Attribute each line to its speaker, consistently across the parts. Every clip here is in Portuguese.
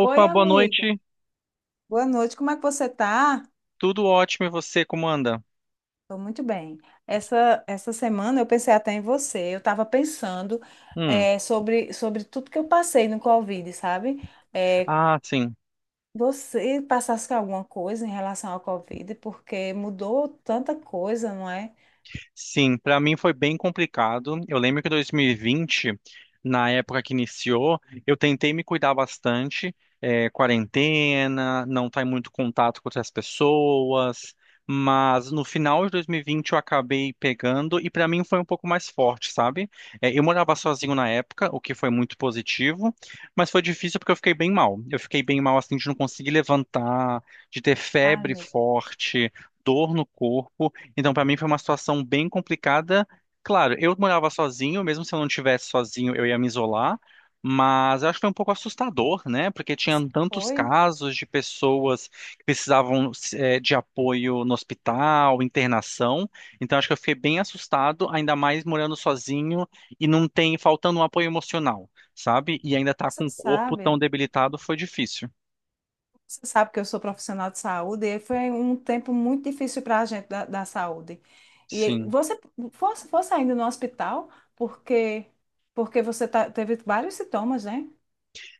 Speaker 1: Oi,
Speaker 2: boa
Speaker 1: amiga.
Speaker 2: noite.
Speaker 1: Boa noite. Como é que você tá?
Speaker 2: Tudo ótimo e você, como anda?
Speaker 1: Tô muito bem. Essa semana eu pensei até em você. Eu estava pensando
Speaker 2: Hum.
Speaker 1: sobre tudo que eu passei no Covid, sabe? Eh,
Speaker 2: Ah, sim.
Speaker 1: você passasse com alguma coisa em relação ao Covid, porque mudou tanta coisa, não é?
Speaker 2: Sim, para mim foi bem complicado. Eu lembro que 2020, na época que iniciou, eu tentei me cuidar bastante, quarentena, não estar em muito contato com outras pessoas, mas no final de 2020 eu acabei pegando e para mim foi um pouco mais forte, sabe? É, eu morava sozinho na época, o que foi muito positivo, mas foi difícil porque eu fiquei bem mal. Eu fiquei bem mal assim de não conseguir levantar, de ter
Speaker 1: Ai,
Speaker 2: febre
Speaker 1: meu Deus.
Speaker 2: forte. Dor no corpo, então, para mim foi uma situação bem complicada. Claro, eu morava sozinho, mesmo se eu não tivesse sozinho, eu ia me isolar, mas eu acho que foi um pouco assustador, né? Porque tinha tantos
Speaker 1: Foi?
Speaker 2: casos de pessoas que precisavam de apoio no hospital, internação. Então, acho que eu fiquei bem assustado, ainda mais morando sozinho e não tem, faltando um apoio emocional, sabe? E ainda estar com
Speaker 1: Você
Speaker 2: o corpo tão
Speaker 1: sabe?
Speaker 2: debilitado foi difícil.
Speaker 1: Você sabe que eu sou profissional de saúde e foi um tempo muito difícil para a gente da saúde. E
Speaker 2: Sim.
Speaker 1: você fosse ainda no hospital porque porque você tá- teve vários sintomas, né?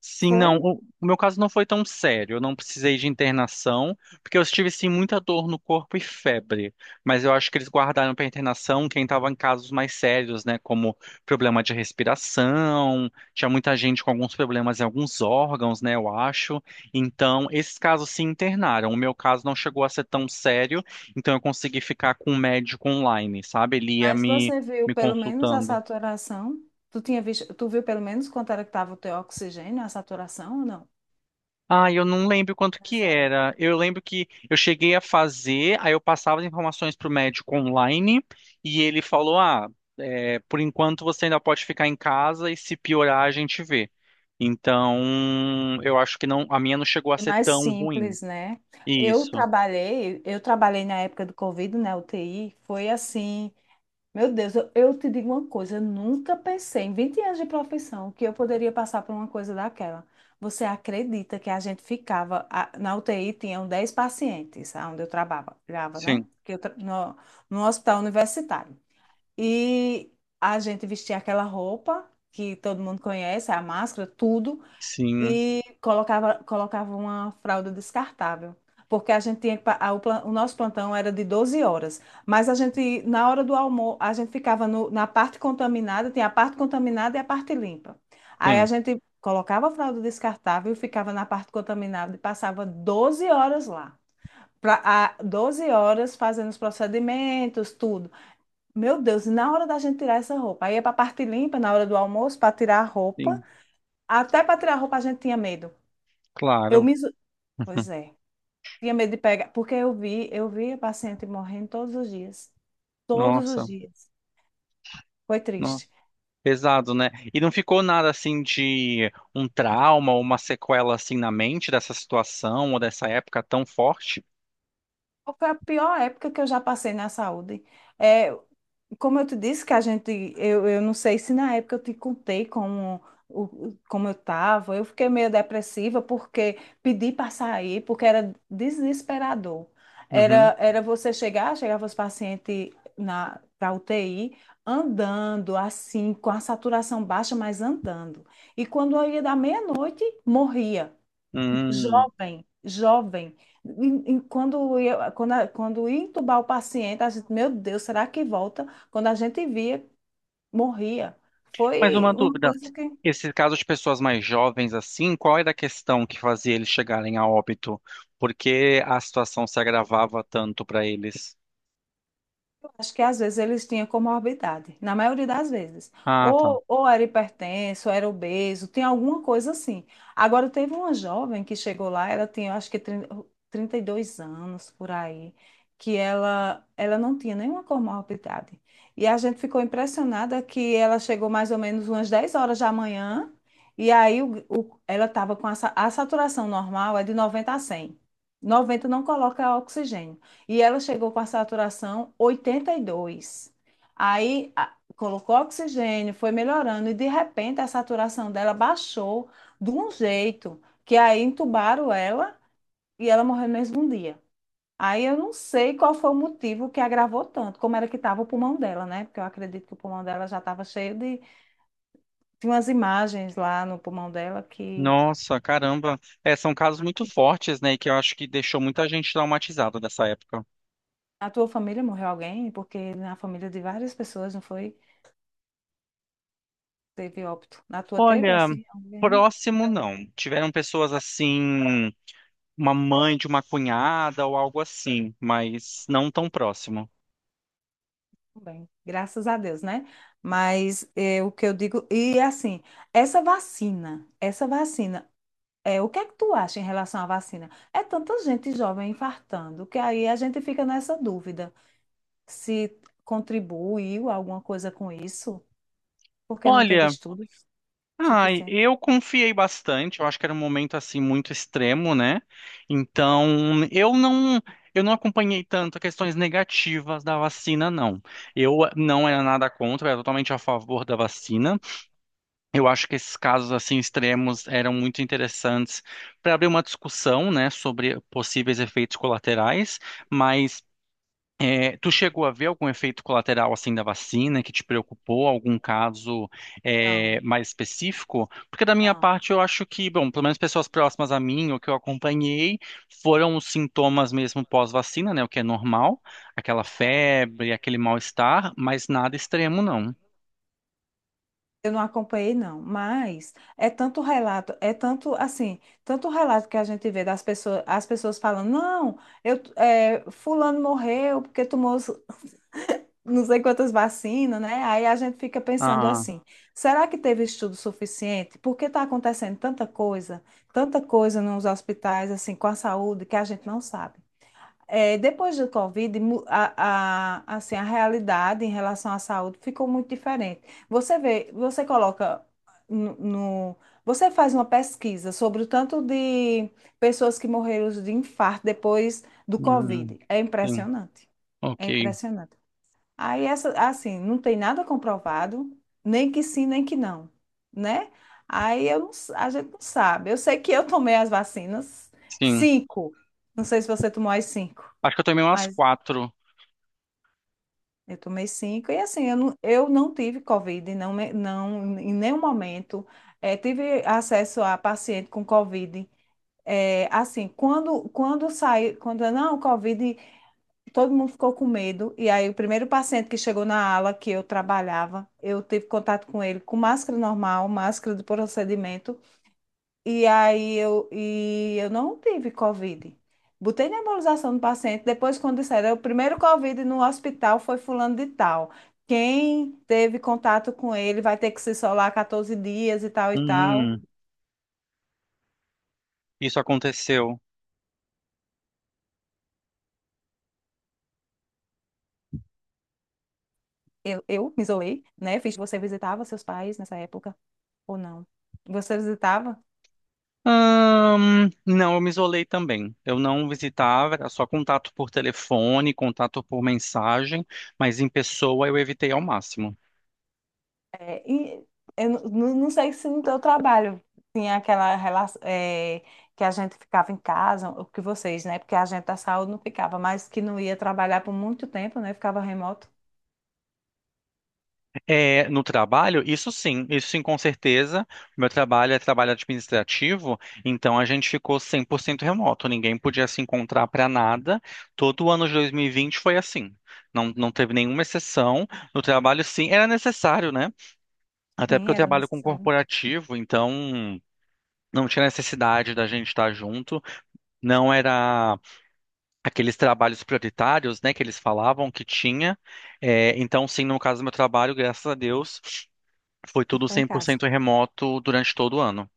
Speaker 2: Sim,
Speaker 1: Foi.
Speaker 2: não. O meu caso não foi tão sério. Eu não precisei de internação, porque eu tive sim muita dor no corpo e febre. Mas eu acho que eles guardaram para internação quem estava em casos mais sérios, né? Como problema de respiração, tinha muita gente com alguns problemas em alguns órgãos, né? Eu acho. Então, esses casos se internaram. O meu caso não chegou a ser tão sério, então eu consegui ficar com um médico online, sabe? Ele ia
Speaker 1: Mas
Speaker 2: me,
Speaker 1: você viu
Speaker 2: me
Speaker 1: pelo menos a
Speaker 2: consultando.
Speaker 1: saturação? Tu tinha visto, tu viu pelo menos quanto era que estava o teu oxigênio, a saturação ou não?
Speaker 2: Ah, eu não lembro quanto que
Speaker 1: Nessa
Speaker 2: era.
Speaker 1: época.
Speaker 2: Eu lembro que eu cheguei a fazer, aí eu passava as informações para o médico online e ele falou: Ah, é, por enquanto você ainda pode ficar em casa e se piorar a gente vê. Então, eu acho que não, a minha não chegou a
Speaker 1: Foi
Speaker 2: ser
Speaker 1: mais
Speaker 2: tão ruim.
Speaker 1: simples, né? Eu
Speaker 2: Isso.
Speaker 1: trabalhei, eu trabalhei na época do Covid, na UTI, foi assim. Meu Deus, eu te digo uma coisa, eu nunca pensei em 20 anos de profissão que eu poderia passar por uma coisa daquela. Você acredita que a gente ficava, a- na UTI tinham 10 pacientes, onde eu trabalhava, né?
Speaker 2: Sim,
Speaker 1: Que eu, tra- no, no hospital universitário. E a gente vestia aquela roupa que todo mundo conhece, a máscara, tudo,
Speaker 2: sim,
Speaker 1: e colocava uma fralda descartável. Porque a gente tinha, que pa- a- o, plan- o nosso plantão era de 12 horas, mas a gente, na hora do almoço, a gente ficava no- na parte contaminada, tinha a parte contaminada e a parte limpa. Aí a
Speaker 2: sim,
Speaker 1: gente colocava a fralda descartável e ficava na parte contaminada e passava 12 horas lá. Pra, a, 12 horas fazendo os procedimentos, tudo. Meu Deus, e na hora da gente tirar essa roupa, aí ia para a parte limpa, na hora do almoço, para tirar a roupa.
Speaker 2: sim,
Speaker 1: Até para tirar a roupa a gente tinha medo. Eu
Speaker 2: claro.
Speaker 1: me... iso-. Pois é. Tinha medo de pegar, porque eu vi a paciente morrendo todos os dias. Todos os
Speaker 2: Nossa,
Speaker 1: dias. Foi triste.
Speaker 2: nossa. Pesado, né? E não ficou nada assim de um trauma ou uma sequela assim na mente dessa situação ou dessa época tão forte?
Speaker 1: Foi a pior época que eu já passei na saúde. É, como eu te disse que a gente, eu não sei se na época eu te contei como, o, como eu estava, eu fiquei meio depressiva porque pedi para sair, porque era desesperador.
Speaker 2: Uhum.
Speaker 1: Era você chegar, chegava os pacientes na para UTI andando assim, com a saturação baixa, mas andando. E quando eu ia da meia-noite, morria.
Speaker 2: Hum.
Speaker 1: Jovem, jovem. E quando ia, quando, a- quando ia entubar o paciente, a gente, meu Deus, será que volta? Quando a gente via, morria.
Speaker 2: Mas uma
Speaker 1: Foi uma
Speaker 2: dúvida.
Speaker 1: coisa que.
Speaker 2: Esse caso de pessoas mais jovens assim, qual era a questão que fazia eles chegarem a óbito? Por que a situação se agravava tanto para eles?
Speaker 1: Acho que às vezes eles tinham comorbidade, na maioria das vezes.
Speaker 2: Ah, tá.
Speaker 1: Ou era hipertenso, ou era obeso, tem alguma coisa assim. Agora, teve uma jovem que chegou lá, ela tinha, acho que 30 32 anos por aí, que ela não tinha nenhuma comorbidade. E a gente ficou impressionada que ela chegou mais ou menos umas 10 horas da manhã, e aí o- ela estava com a, sa- a saturação normal é de 90 a 100. 90 não coloca oxigênio. E ela chegou com a saturação 82. Aí a- colocou oxigênio, foi melhorando e de repente a saturação dela baixou de um jeito que aí entubaram ela e ela morreu no mesmo dia. Aí eu não sei qual foi o motivo que agravou tanto, como era que estava o pulmão dela, né? Porque eu acredito que o pulmão dela já estava cheio de. Tinha umas imagens lá no pulmão dela que.
Speaker 2: Nossa, caramba. É, são casos muito fortes, né? E que eu acho que deixou muita gente traumatizada dessa época.
Speaker 1: Na tua família morreu alguém? Porque na família de várias pessoas, não foi? Teve óbito. Na tua teve
Speaker 2: Olha,
Speaker 1: assim alguém?
Speaker 2: próximo não. Tiveram pessoas assim, uma mãe de uma cunhada ou algo assim, mas não tão próximo.
Speaker 1: Bem, graças a Deus, né? Mas é, o que eu digo, e assim, essa vacina, é, o que é que tu acha em relação à vacina? É tanta gente jovem infartando, que aí a gente fica nessa dúvida se contribuiu alguma coisa com isso, porque não teve
Speaker 2: Olha,
Speaker 1: estudo
Speaker 2: ai,
Speaker 1: suficiente.
Speaker 2: eu confiei bastante, eu acho que era um momento assim muito extremo, né? Então, eu não eu não acompanhei tanto questões negativas da vacina, não. Eu não era nada contra, eu era totalmente a favor da vacina. Eu acho que esses casos assim extremos eram muito interessantes para abrir uma discussão, né, sobre possíveis efeitos colaterais. Mas tu chegou a ver algum efeito colateral assim da vacina que te preocupou? Algum caso
Speaker 1: Não,
Speaker 2: mais específico? Porque da minha
Speaker 1: não.
Speaker 2: parte eu acho que, bom, pelo menos pessoas próximas a mim ou que eu acompanhei foram os sintomas mesmo pós-vacina, né, o que é normal, aquela febre, aquele mal-estar, mas nada extremo não.
Speaker 1: Eu não acompanhei, não, mas é tanto relato, é tanto assim, tanto relato que a gente vê das pessoas, as pessoas falando, não, eu, é, fulano morreu porque tomou os- não sei quantas vacinas, né? Aí a gente fica pensando
Speaker 2: Ah,
Speaker 1: assim, será que teve estudo suficiente? Porque está acontecendo tanta coisa nos hospitais, assim, com a saúde, que a gente não sabe. É, depois do Covid, mu- a- assim, a realidade em relação à saúde ficou muito diferente. Você vê, você coloca no, no- você faz uma pesquisa sobre o tanto de pessoas que morreram de infarto depois do
Speaker 2: hum,
Speaker 1: Covid. É
Speaker 2: sim,
Speaker 1: impressionante.
Speaker 2: ok,
Speaker 1: É impressionante. Aí, essa, assim, não tem nada comprovado, nem que sim, nem que não, né? Aí eu não s- a gente não sabe. Eu sei que eu tomei as vacinas,
Speaker 2: sim.
Speaker 1: cinco. Não sei se você tomou as cinco.
Speaker 2: Acho que eu tomei umas quatro.
Speaker 1: Eu tomei cinco e assim, eu não tive Covid, não, me- não, em nenhum momento. Eh, tive acesso a paciente com Covid. Eh, assim, quando saiu, quando não, Covid, todo mundo ficou com medo. E aí, o primeiro paciente que chegou na ala que eu trabalhava, eu tive contato com ele com máscara normal, máscara de procedimento. E aí eu, e eu não tive Covid. Botei nebulização no paciente. Depois, quando disseram, o primeiro Covid no hospital foi fulano de tal. Quem teve contato com ele vai ter que se isolar 14 dias e tal e tal.
Speaker 2: Uhum, isso aconteceu.
Speaker 1: Eu me isolei, né? Fiz, você visitava seus pais nessa época ou não? Você visitava?
Speaker 2: Não, eu me isolei também. Eu não visitava, era só contato por telefone, contato por mensagem, mas em pessoa eu evitei ao máximo.
Speaker 1: É, e eu não, não- não sei se no teu trabalho tinha aquela relação é, que a gente ficava em casa, o que vocês, né? Porque a gente da saúde não ficava, mas que não ia trabalhar por muito tempo, né? Ficava remoto.
Speaker 2: É, no trabalho, isso sim, isso sim, com certeza. Meu trabalho é trabalho administrativo, então a gente ficou 100% remoto, ninguém podia se encontrar para nada. Todo o ano de 2020 foi assim. Não, não teve nenhuma exceção. No trabalho, sim, era necessário, né? Até porque
Speaker 1: Sim,
Speaker 2: eu
Speaker 1: era
Speaker 2: trabalho com
Speaker 1: necessário.
Speaker 2: corporativo, então não tinha necessidade da gente estar junto. Não era aqueles trabalhos prioritários, né, que eles falavam que tinha. É, então, sim, no caso do meu trabalho, graças a Deus, foi tudo
Speaker 1: Ficou em casa.
Speaker 2: 100% remoto durante todo o ano.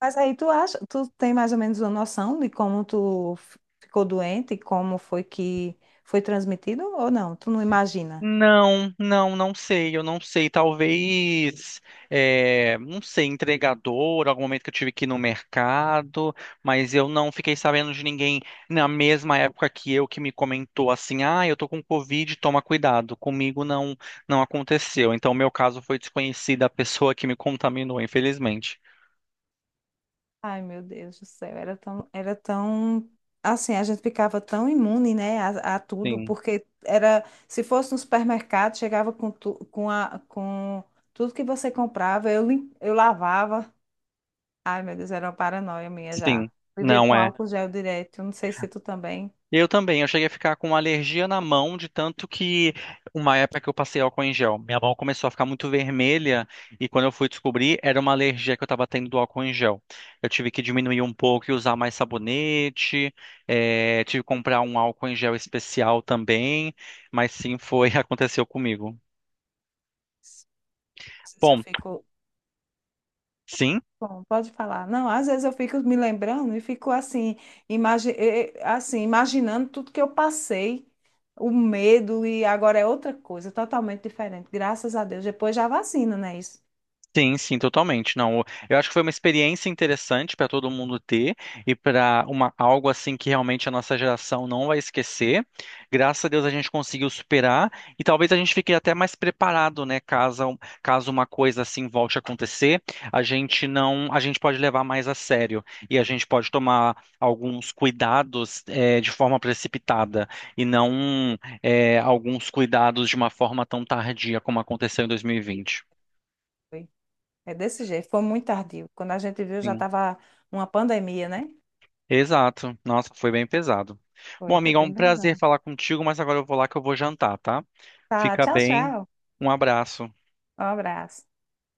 Speaker 1: Mas aí tu acha, tu tem mais ou menos uma noção de como tu f- ficou doente e como foi que foi transmitido ou não? Tu não imagina?
Speaker 2: Não, não, não sei, eu não sei. Talvez, não sei, entregador, algum momento que eu tive que ir no mercado, mas eu não fiquei sabendo de ninguém na mesma época que eu que me comentou assim, ah, eu tô com Covid, toma cuidado. Comigo não, não aconteceu. Então, o meu caso foi desconhecida a pessoa que me contaminou, infelizmente.
Speaker 1: Ai, meu Deus do céu, era tão, assim, a gente ficava tão imune, né, a tudo,
Speaker 2: Sim,
Speaker 1: porque era, se fosse no supermercado, chegava com, tu, com, a, com tudo que você comprava, eu, lim- eu lavava. Ai, meu Deus, era uma paranoia minha já.
Speaker 2: sim,
Speaker 1: Vivia
Speaker 2: não
Speaker 1: com
Speaker 2: é.
Speaker 1: álcool gel direto, não sei se tu também.
Speaker 2: Eu também, eu cheguei a ficar com alergia na mão, de tanto que uma época que eu passei álcool em gel, minha mão começou a ficar muito vermelha e quando eu fui descobrir, era uma alergia que eu estava tendo do álcool em gel. Eu tive que diminuir um pouco e usar mais sabonete, tive que comprar um álcool em gel especial também, mas sim, foi, aconteceu comigo.
Speaker 1: Às vezes eu
Speaker 2: Bom,
Speaker 1: fico.
Speaker 2: sim.
Speaker 1: Bom, pode falar. Não, às vezes eu fico me lembrando e fico assim, imagi assim, imaginando tudo que eu passei, o medo, e agora é outra coisa, totalmente diferente. Graças a Deus, depois já vacina, né? Isso
Speaker 2: Sim, sim, totalmente. Não, eu acho que foi uma experiência interessante para todo mundo ter e para uma algo assim que realmente a nossa geração não vai esquecer. Graças a Deus a gente conseguiu superar e talvez a gente fique até mais preparado, né, caso uma coisa assim volte a acontecer, a gente não, a gente pode levar mais a sério e a gente pode tomar alguns cuidados de forma precipitada e não alguns cuidados de uma forma tão tardia como aconteceu em 2020.
Speaker 1: foi. É desse jeito, foi muito tardio. Quando a gente viu, já
Speaker 2: Sim.
Speaker 1: estava uma pandemia, né?
Speaker 2: Exato. Nossa, foi bem pesado. Bom,
Speaker 1: Foi, foi
Speaker 2: amiga, é um
Speaker 1: bem
Speaker 2: prazer
Speaker 1: pesado.
Speaker 2: falar contigo, mas agora eu vou lá que eu vou jantar, tá?
Speaker 1: Tá,
Speaker 2: Fica
Speaker 1: tchau,
Speaker 2: bem.
Speaker 1: tchau.
Speaker 2: Um abraço.
Speaker 1: Um abraço.